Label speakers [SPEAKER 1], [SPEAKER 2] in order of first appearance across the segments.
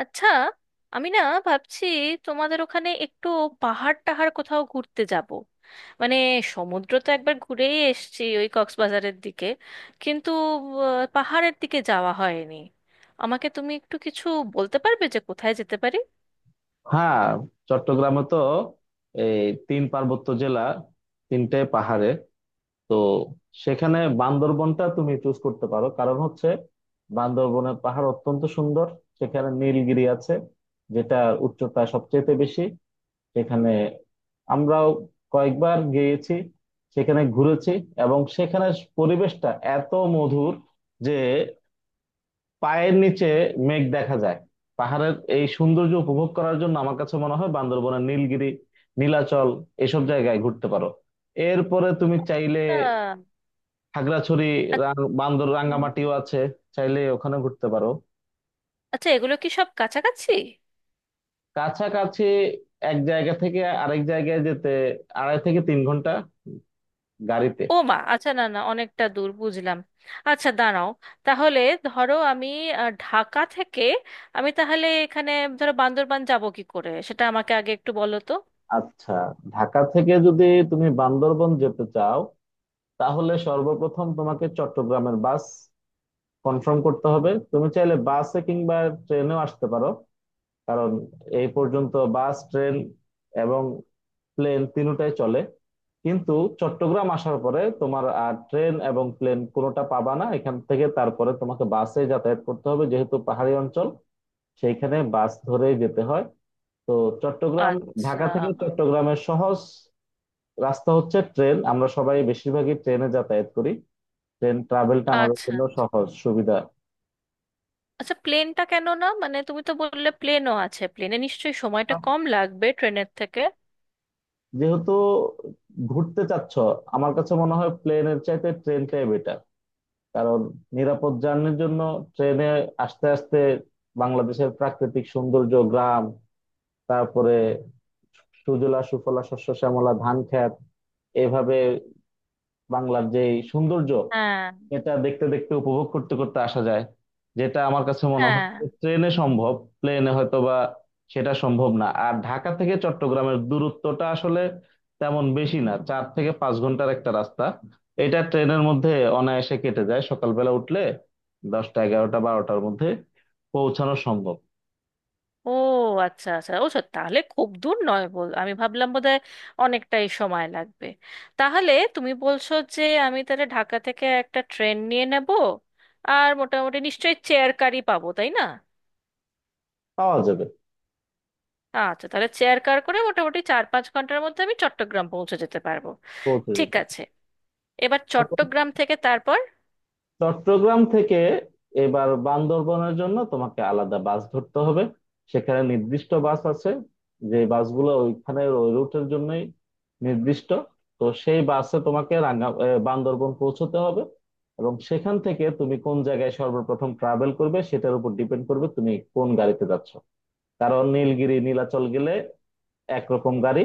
[SPEAKER 1] আচ্ছা, আমি না ভাবছি তোমাদের ওখানে একটু পাহাড় টাহাড় কোথাও ঘুরতে যাব। মানে সমুদ্র তো একবার ঘুরেই এসেছি ওই কক্সবাজারের দিকে, কিন্তু পাহাড়ের দিকে যাওয়া হয়নি। আমাকে তুমি একটু কিছু বলতে পারবে যে কোথায় যেতে পারি?
[SPEAKER 2] হ্যাঁ, চট্টগ্রামে তো এই তিন পার্বত্য জেলা। তিনটে পাহাড়ে তো সেখানে বান্দরবনটা তুমি চুজ করতে পারো, কারণ হচ্ছে বান্দরবনের পাহাড় অত্যন্ত সুন্দর। সেখানে নীলগিরি আছে, যেটা উচ্চতা সবচেয়ে বেশি। সেখানে আমরাও কয়েকবার গিয়েছি, সেখানে ঘুরেছি। এবং সেখানে পরিবেশটা এত মধুর যে পায়ের নিচে মেঘ দেখা যায়। পাহাড়ের এই সৌন্দর্য উপভোগ করার জন্য আমার কাছে মনে হয় বান্দরবনের নীলগিরি, নীলাচল, এসব জায়গায় ঘুরতে পারো। এরপরে তুমি চাইলে
[SPEAKER 1] আহ,
[SPEAKER 2] খাগড়াছড়ি,
[SPEAKER 1] আ-
[SPEAKER 2] রাং- বান্দর
[SPEAKER 1] হুম।
[SPEAKER 2] রাঙ্গামাটিও আছে, চাইলে ওখানে ঘুরতে পারো।
[SPEAKER 1] আচ্ছা, এগুলো কি সব কাছাকাছি?
[SPEAKER 2] কাছাকাছি। এক জায়গা থেকে আরেক জায়গায় যেতে 2.5 থেকে 3 ঘন্টা গাড়িতে।
[SPEAKER 1] ও মা, আচ্ছা, না না, অনেকটা দূর, বুঝলাম। আচ্ছা, দাঁড়াও, তাহলে ধরো আমি ঢাকা থেকে আমি তাহলে, এখানে ধরো, বান্দরবান যাব কি করে, সেটা আমাকে আগে একটু বলো তো।
[SPEAKER 2] আচ্ছা, ঢাকা থেকে যদি তুমি বান্দরবন যেতে চাও, তাহলে সর্বপ্রথম তোমাকে চট্টগ্রামের বাস কনফার্ম করতে হবে। তুমি চাইলে বাসে কিংবা ট্রেনেও আসতে পারো, কারণ এই পর্যন্ত বাস, ট্রেন এবং প্লেন তিনটাই চলে। কিন্তু চট্টগ্রাম আসার পরে তোমার আর ট্রেন এবং প্লেন কোনোটা পাবা না এখান থেকে। তারপরে তোমাকে বাসে যাতায়াত করতে হবে, যেহেতু পাহাড়ি অঞ্চল, সেইখানে বাস ধরেই যেতে হয়। তো চট্টগ্রাম,
[SPEAKER 1] আচ্ছা।
[SPEAKER 2] ঢাকা থেকে চট্টগ্রামের সহজ রাস্তা হচ্ছে ট্রেন। আমরা সবাই বেশিরভাগই ট্রেনে যাতায়াত করি। ট্রেন ট্রাভেলটা আমাদের
[SPEAKER 1] আচ্ছা,
[SPEAKER 2] জন্য সহজ সুবিধা।
[SPEAKER 1] আচ্ছা, প্লেনটা কেন না? মানে তুমি তো বললে প্লেনও আছে, প্লেনে নিশ্চয়ই সময়টা কম লাগবে ট্রেনের থেকে।
[SPEAKER 2] যেহেতু ঘুরতে চাচ্ছ, আমার কাছে মনে হয় প্লেনের চাইতে ট্রেনটাই বেটার। কারণ নিরাপদ জার্নির জন্য ট্রেনে আস্তে আস্তে বাংলাদেশের প্রাকৃতিক সৌন্দর্য, গ্রাম, তারপরে সুজলা সুফলা শস্য শ্যামলা ধান ক্ষেত, এভাবে বাংলার যে এই সৌন্দর্য,
[SPEAKER 1] হ্যাঁ,
[SPEAKER 2] এটা দেখতে দেখতে উপভোগ করতে করতে আসা যায়, যেটা আমার কাছে মনে হয়
[SPEAKER 1] হ্যাঁ।
[SPEAKER 2] যে ট্রেনে সম্ভব। প্লেনে হয়তো বা সেটা সম্ভব না। আর ঢাকা থেকে চট্টগ্রামের দূরত্বটা আসলে তেমন বেশি না, 4 থেকে 5 ঘন্টার একটা রাস্তা। এটা ট্রেনের মধ্যে অনায়াসে কেটে যায়। সকালবেলা উঠলে 10টা, 11টা, 12টার মধ্যে পৌঁছানো সম্ভব।
[SPEAKER 1] ও আচ্ছা, আচ্ছা, ও সত্যি, তাহলে খুব দূর নয় বল। আমি ভাবলাম বোধহয় অনেকটাই সময় লাগবে। তাহলে তুমি বলছো যে আমি তাহলে ঢাকা থেকে একটা ট্রেন নিয়ে নেব, আর মোটামুটি নিশ্চয়ই চেয়ার কারই পাবো, তাই না?
[SPEAKER 2] পাওয়া যাবে।
[SPEAKER 1] আচ্ছা, তাহলে চেয়ার কার করে মোটামুটি চার পাঁচ ঘন্টার মধ্যে আমি চট্টগ্রাম পৌঁছে যেতে পারবো।
[SPEAKER 2] পৌঁছে
[SPEAKER 1] ঠিক আছে, এবার
[SPEAKER 2] যাবে।
[SPEAKER 1] চট্টগ্রাম থেকে তারপর?
[SPEAKER 2] চট্টগ্রাম থেকে এবার বান্দরবনের জন্য তোমাকে আলাদা বাস ধরতে হবে। সেখানে নির্দিষ্ট বাস আছে, যে বাসগুলো ওইখানে ওই রুটের জন্যই নির্দিষ্ট। তো সেই বাসে তোমাকে বান্দরবন পৌঁছতে হবে। এবং সেখান থেকে তুমি কোন জায়গায় সর্বপ্রথম ট্রাভেল করবে সেটার উপর ডিপেন্ড করবে তুমি কোন গাড়িতে যাচ্ছ। কারণ নীলগিরি, নীলাচল গেলে একরকম গাড়ি।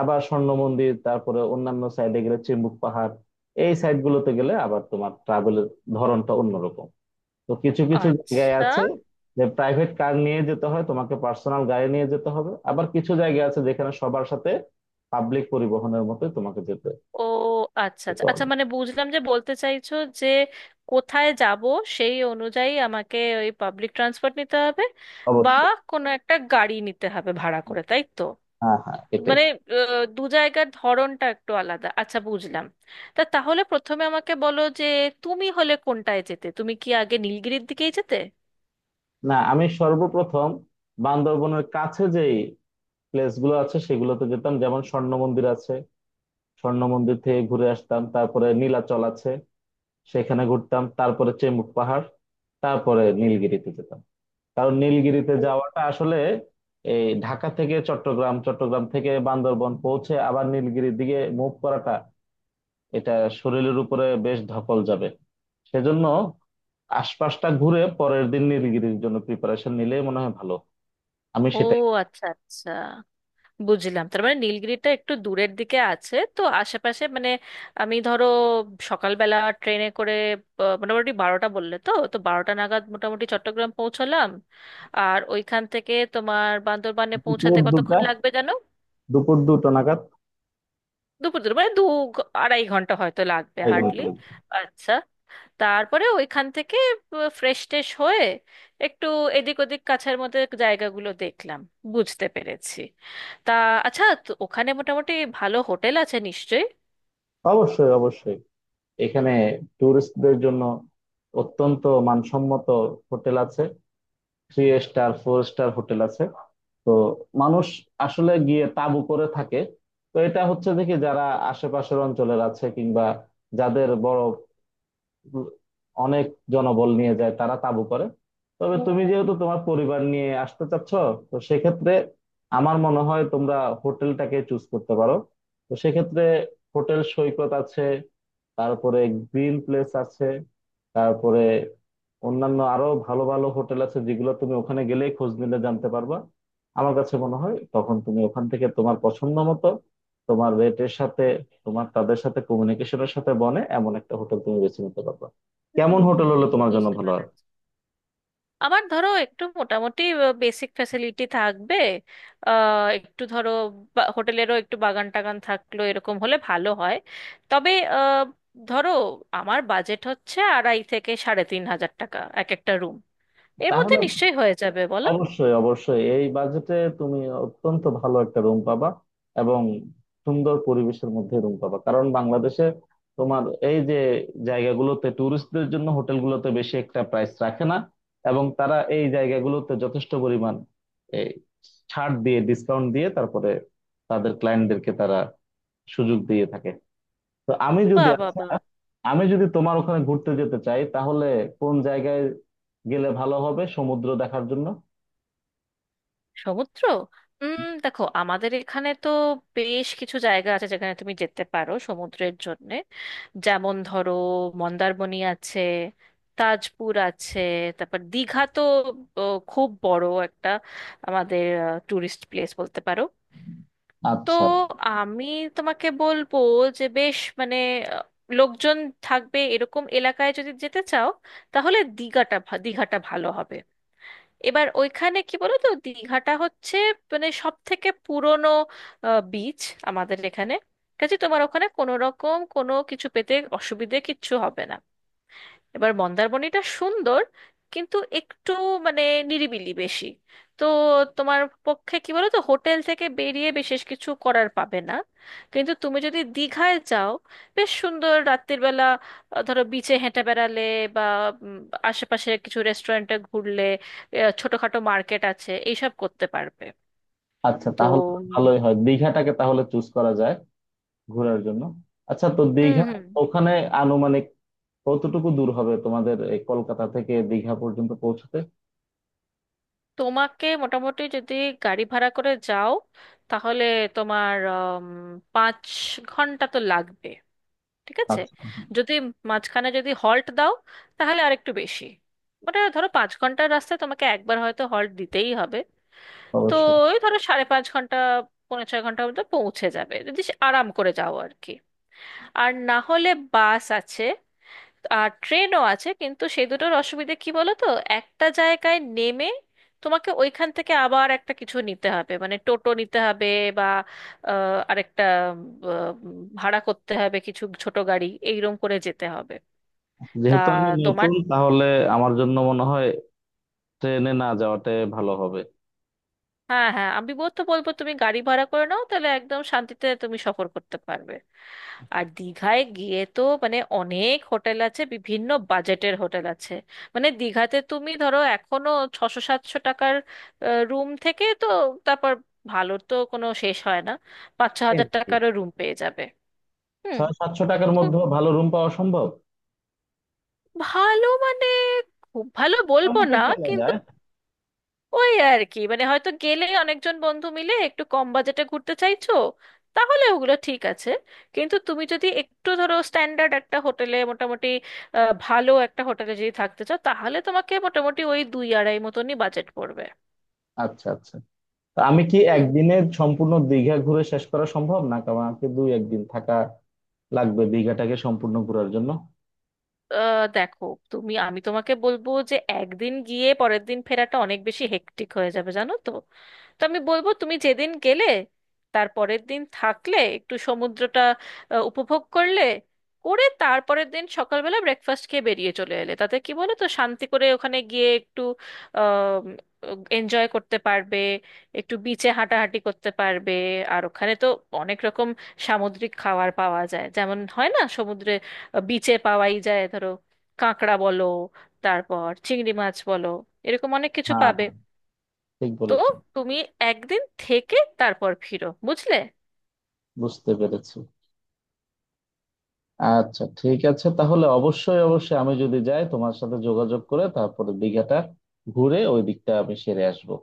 [SPEAKER 2] আবার স্বর্ণ মন্দির, তারপরে অন্যান্য সাইডে গেলে চিম্বুক পাহাড়, এই সাইড গুলোতে গেলে আবার তোমার ট্রাভেলের ধরনটা অন্যরকম। তো কিছু কিছু জায়গায়
[SPEAKER 1] আচ্ছা।
[SPEAKER 2] আছে যে প্রাইভেট কার নিয়ে যেতে হয়, তোমাকে পার্সোনাল গাড়ি নিয়ে যেতে হবে। আবার কিছু জায়গা আছে যেখানে সবার সাথে পাবলিক পরিবহনের মতো তোমাকে যেতে
[SPEAKER 1] ও আচ্ছা, আচ্ছা,
[SPEAKER 2] যেতে
[SPEAKER 1] আচ্ছা,
[SPEAKER 2] হবে।
[SPEAKER 1] মানে বুঝলাম, যে বলতে চাইছো যে কোথায় যাব সেই অনুযায়ী আমাকে ওই পাবলিক ট্রান্সপোর্ট নিতে হবে, বা
[SPEAKER 2] অবশ্যই।
[SPEAKER 1] কোনো একটা গাড়ি নিতে হবে ভাড়া করে, তাই তো?
[SPEAKER 2] হ্যাঁ হ্যাঁ, এটাই।
[SPEAKER 1] মানে দু জায়গার ধরনটা একটু আলাদা। আচ্ছা, বুঝলাম। তা তাহলে প্রথমে আমাকে বলো যে তুমি হলে কোনটায় যেতে? তুমি কি আগে নীলগিরির দিকেই যেতে?
[SPEAKER 2] না, আমি সর্বপ্রথম বান্দরবনের কাছে যেই প্লেস গুলো আছে সেগুলোতে যেতাম, যেমন স্বর্ণ মন্দির আছে, স্বর্ণ মন্দির থেকে ঘুরে আসতাম। তারপরে নীলাচল আছে, সেখানে ঘুরতাম। তারপরে চেম্বুট পাহাড়, তারপরে নীলগিরিতে যেতাম। কারণ নীলগিরিতে
[SPEAKER 1] ও।
[SPEAKER 2] যাওয়াটা আসলে এই ঢাকা থেকে চট্টগ্রাম, চট্টগ্রাম থেকে বান্দরবন পৌঁছে আবার নীলগিরির দিকে মুভ করাটা, এটা শরীরের উপরে বেশ ধকল যাবে। সেজন্য আশপাশটা ঘুরে পরের দিন নীলগিরির জন্য প্রিপারেশন নিলে মনে হয় ভালো। আমি
[SPEAKER 1] ও,
[SPEAKER 2] সেটাই।
[SPEAKER 1] আচ্ছা, আচ্ছা, বুঝলাম। তার মানে নীলগিরিটা একটু দূরের দিকে আছে, তো আশেপাশে মানে, আমি ধরো সকালবেলা ট্রেনে করে, মোটামুটি 12টা বললে, তো তো বারোটা নাগাদ মোটামুটি চট্টগ্রাম পৌঁছলাম। আর ওইখান থেকে তোমার বান্দরবানে
[SPEAKER 2] দুপুর
[SPEAKER 1] পৌঁছাতে কতক্ষণ
[SPEAKER 2] দুটা
[SPEAKER 1] লাগবে, জানো?
[SPEAKER 2] দুপুর 2টো নাগাদ
[SPEAKER 1] দুপুর দুপুর মানে দু আড়াই ঘন্টা হয়তো লাগবে
[SPEAKER 2] পায়খানা
[SPEAKER 1] হার্ডলি।
[SPEAKER 2] চলে যাই।
[SPEAKER 1] আচ্ছা, তারপরে ওইখান থেকে ফ্রেশ ট্রেশ হয়ে একটু এদিক ওদিক কাছের মধ্যে জায়গাগুলো দেখলাম, বুঝতে পেরেছি। তা, আচ্ছা, তো ওখানে মোটামুটি ভালো হোটেল আছে নিশ্চয়ই?
[SPEAKER 2] অবশ্যই, অবশ্যই। এখানে ট্যুরিস্টদের জন্য অত্যন্ত মানসম্মত হোটেল আছে, three star four star hotel আছে। তো মানুষ আসলে গিয়ে তাঁবু করে থাকে। তো এটা হচ্ছে, দেখি যারা আশেপাশের অঞ্চলের আছে কিংবা যাদের বড় অনেক জনবল নিয়ে যায়, তারা তাঁবু করে। তবে হুম। তুমি যেহেতু তোমার পরিবার নিয়ে আসতে চাচ্ছ, তো সেক্ষেত্রে আমার মনে হয় তোমরা হোটেলটাকে চুজ করতে পারো। তো সেক্ষেত্রে হোটেল সৈকত আছে, তারপরে গ্রিন প্লেস আছে, তারপরে অন্যান্য আরো ভালো ভালো হোটেল আছে যেগুলো তুমি ওখানে গেলেই খোঁজ নিলে জানতে পারবা। আমার কাছে মনে হয় তখন তুমি ওখান থেকে তোমার পছন্দ মতো, তোমার রেটের সাথে, তোমার তাদের সাথে কমিউনিকেশনের সাথে বনে এমন একটা হোটেল তুমি বেছে নিতে পারবা। কেমন
[SPEAKER 1] হুম,
[SPEAKER 2] হোটেল হলে তোমার জন্য
[SPEAKER 1] বুঝতে
[SPEAKER 2] ভালো হয়?
[SPEAKER 1] পেরেছি। আমার ধরো একটু মোটামুটি বেসিক ফ্যাসিলিটি থাকবে, একটু ধরো হোটেলেরও একটু বাগান টাগান থাকলো, এরকম হলে ভালো হয়। তবে আহ, ধরো আমার বাজেট হচ্ছে আড়াই থেকে 3,500 টাকা এক একটা রুম, এর মধ্যে
[SPEAKER 2] তাহলে
[SPEAKER 1] নিশ্চয়ই হয়ে যাবে, বলো?
[SPEAKER 2] অবশ্যই, অবশ্যই এই বাজেটে তুমি অত্যন্ত ভালো একটা রুম পাবা। এবং সুন্দর পরিবেশের মধ্যে রুম পাবা, কারণ বাংলাদেশে তোমার এই যে জায়গাগুলোতে ট্যুরিস্টদের জন্য হোটেলগুলোতে বেশি একটা প্রাইস রাখে না। এবং তারা এই জায়গাগুলোতে যথেষ্ট পরিমাণ এই ছাড় দিয়ে, ডিসকাউন্ট দিয়ে, তারপরে তাদের ক্লায়েন্টদেরকে তারা সুযোগ দিয়ে থাকে। তো আমি
[SPEAKER 1] বা,
[SPEAKER 2] যদি
[SPEAKER 1] বা, বা।
[SPEAKER 2] আমি যদি তোমার ওখানে ঘুরতে যেতে চাই তাহলে কোন জায়গায় গেলে ভালো হবে সমুদ্র দেখার জন্য?
[SPEAKER 1] সমুদ্র? দেখো, আমাদের এখানে তো বেশ কিছু জায়গা আছে যেখানে তুমি যেতে পারো সমুদ্রের জন্যে। যেমন ধরো মন্দারমণি আছে, তাজপুর আছে, তারপর দীঘা তো, ও, খুব বড় একটা আমাদের টুরিস্ট প্লেস বলতে পারো। তো
[SPEAKER 2] আচ্ছা,
[SPEAKER 1] আমি তোমাকে বলবো যে বেশ, মানে আহ, লোকজন থাকবে এরকম এলাকায় যদি যেতে চাও, তাহলে দীঘাটা দীঘাটা ভালো হবে। এবার ওইখানে কি বলো তো, দীঘাটা হচ্ছে মানে সব থেকে পুরনো বিচ আমাদের এখানে। ঠিক আছে, তোমার ওখানে কোনো রকম কোনো কিছু পেতে অসুবিধে কিচ্ছু হবে না। এবার মন্দারমণিটা সুন্দর, কিন্তু একটু মানে নিরিবিলি বেশি। তো তোমার পক্ষে কি বলো তো, হোটেল থেকে বেরিয়ে বিশেষ কিছু করার পাবে না। কিন্তু তুমি যদি দীঘায় যাও, বেশ সুন্দর রাত্রির বেলা ধরো বিচে হেঁটে বেড়ালে, বা উম, আশেপাশে কিছু রেস্টুরেন্টে ঘুরলে, ছোটখাটো মার্কেট আছে, এইসব করতে পারবে।
[SPEAKER 2] আচ্ছা।
[SPEAKER 1] তো।
[SPEAKER 2] তাহলে তো ভালোই হয়, দীঘাটাকে তাহলে চুজ করা যায় ঘোরার জন্য। আচ্ছা, তো
[SPEAKER 1] হুম,
[SPEAKER 2] দীঘা
[SPEAKER 1] হুম।
[SPEAKER 2] ওখানে আনুমানিক কতটুকু দূর হবে তোমাদের এই কলকাতা থেকে দীঘা পর্যন্ত পৌঁছতে?
[SPEAKER 1] তোমাকে মোটামুটি যদি গাড়ি ভাড়া করে যাও তাহলে তোমার 5 ঘন্টা তো লাগবে। ঠিক আছে,
[SPEAKER 2] আচ্ছা।
[SPEAKER 1] যদি মাঝখানে যদি হল্ট দাও তাহলে আর একটু বেশি। ওটা ধরো 5 ঘন্টার রাস্তায় তোমাকে একবার হয়তো হল্ট দিতেই হবে। তো
[SPEAKER 2] অবশ্যই।
[SPEAKER 1] ওই ধরো সাড়ে পাঁচ ঘন্টা, পৌনে ছয় ঘন্টার মধ্যে পৌঁছে যাবে যদি সে আরাম করে যাও আর কি। আর না হলে বাস আছে, আর ট্রেনও আছে, কিন্তু সেই দুটোর অসুবিধে কি বলো তো, একটা জায়গায় নেমে তোমাকে ওইখান থেকে আবার একটা কিছু নিতে হবে, মানে টোটো নিতে হবে, বা আরেকটা ভাড়া করতে হবে কিছু ছোট গাড়ি, এইরকম করে যেতে হবে। তা
[SPEAKER 2] যেহেতু আমি
[SPEAKER 1] তোমার,
[SPEAKER 2] নতুন, তাহলে আমার জন্য মনে হয় ট্রেনে না যাওয়াটাই ভালো হবে।
[SPEAKER 1] হ্যাঁ, হ্যাঁ, আমি তো বলবো তুমি গাড়ি ভাড়া করে নাও, তাহলে একদম শান্তিতে তুমি সফর করতে পারবে। আর দীঘায় গিয়ে তো মানে অনেক হোটেল আছে, বিভিন্ন বাজেটের হোটেল আছে। মানে দীঘাতে তুমি ধরো এখনো ছশো সাতশো টাকার রুম থেকে, তো তারপর, ভালোর তো কোনো শেষ হয় না, পাঁচ ছ
[SPEAKER 2] এই
[SPEAKER 1] হাজার
[SPEAKER 2] কি,
[SPEAKER 1] টাকারও রুম পেয়ে যাবে। হুম।
[SPEAKER 2] 600-700 টাকার
[SPEAKER 1] তো
[SPEAKER 2] মধ্যে ভালো রুম পাওয়া সম্ভব?
[SPEAKER 1] ভালো মানে খুব ভালো বলবো
[SPEAKER 2] মোটামুটি
[SPEAKER 1] না,
[SPEAKER 2] চলা
[SPEAKER 1] কিন্তু
[SPEAKER 2] যায়।
[SPEAKER 1] ওই আর কি, মানে হয়তো গেলে অনেকজন বন্ধু মিলে একটু কম বাজেটে ঘুরতে চাইছো, তাহলে ওগুলো ঠিক আছে। কিন্তু তুমি যদি একটু ধরো স্ট্যান্ডার্ড একটা হোটেলে মোটামুটি ভালো একটা হোটেলে যদি থাকতে চাও, তাহলে তোমাকে মোটামুটি ওই দুই আড়াই মতনই বাজেট পড়বে।
[SPEAKER 2] আচ্ছা আচ্ছা। তা আমি কি
[SPEAKER 1] হুম,
[SPEAKER 2] একদিনে সম্পূর্ণ দীঘা ঘুরে শেষ করা সম্ভব না? কারণ আমাকে দুই একদিন থাকা লাগবে দীঘাটাকে সম্পূর্ণ ঘোরার জন্য।
[SPEAKER 1] দেখো, তুমি আমি তোমাকে বলবো যে একদিন গিয়ে পরের দিন ফেরাটা অনেক বেশি হেক্টিক হয়ে যাবে, জানো তো। তো আমি বলবো তুমি যেদিন গেলে তার পরের দিন থাকলে একটু সমুদ্রটা উপভোগ করলে, করে তারপরের দিন সকালবেলা ব্রেকফাস্ট খেয়ে বেরিয়ে চলে এলে, তাতে কি বলো তো, শান্তি করে ওখানে গিয়ে একটু এনজয় করতে পারবে, একটু বিচে হাঁটাহাঁটি করতে পারবে। আর ওখানে তো অনেক রকম সামুদ্রিক খাবার পাওয়া যায়, যেমন হয় না সমুদ্রে, বিচে পাওয়াই যায় ধরো, কাঁকড়া বলো, তারপর চিংড়ি মাছ বলো, এরকম অনেক কিছু
[SPEAKER 2] হ্যাঁ
[SPEAKER 1] পাবে।
[SPEAKER 2] হ্যাঁ, ঠিক
[SPEAKER 1] তো
[SPEAKER 2] বলেছো।
[SPEAKER 1] তুমি একদিন থেকে তারপর ফিরো, বুঝলে।
[SPEAKER 2] বুঝতে পেরেছি। আচ্ছা ঠিক আছে, তাহলে অবশ্যই, অবশ্যই আমি যদি যাই তোমার সাথে যোগাযোগ করে, তারপরে দীঘাটা ঘুরে ওই দিকটা আমি সেরে আসবো।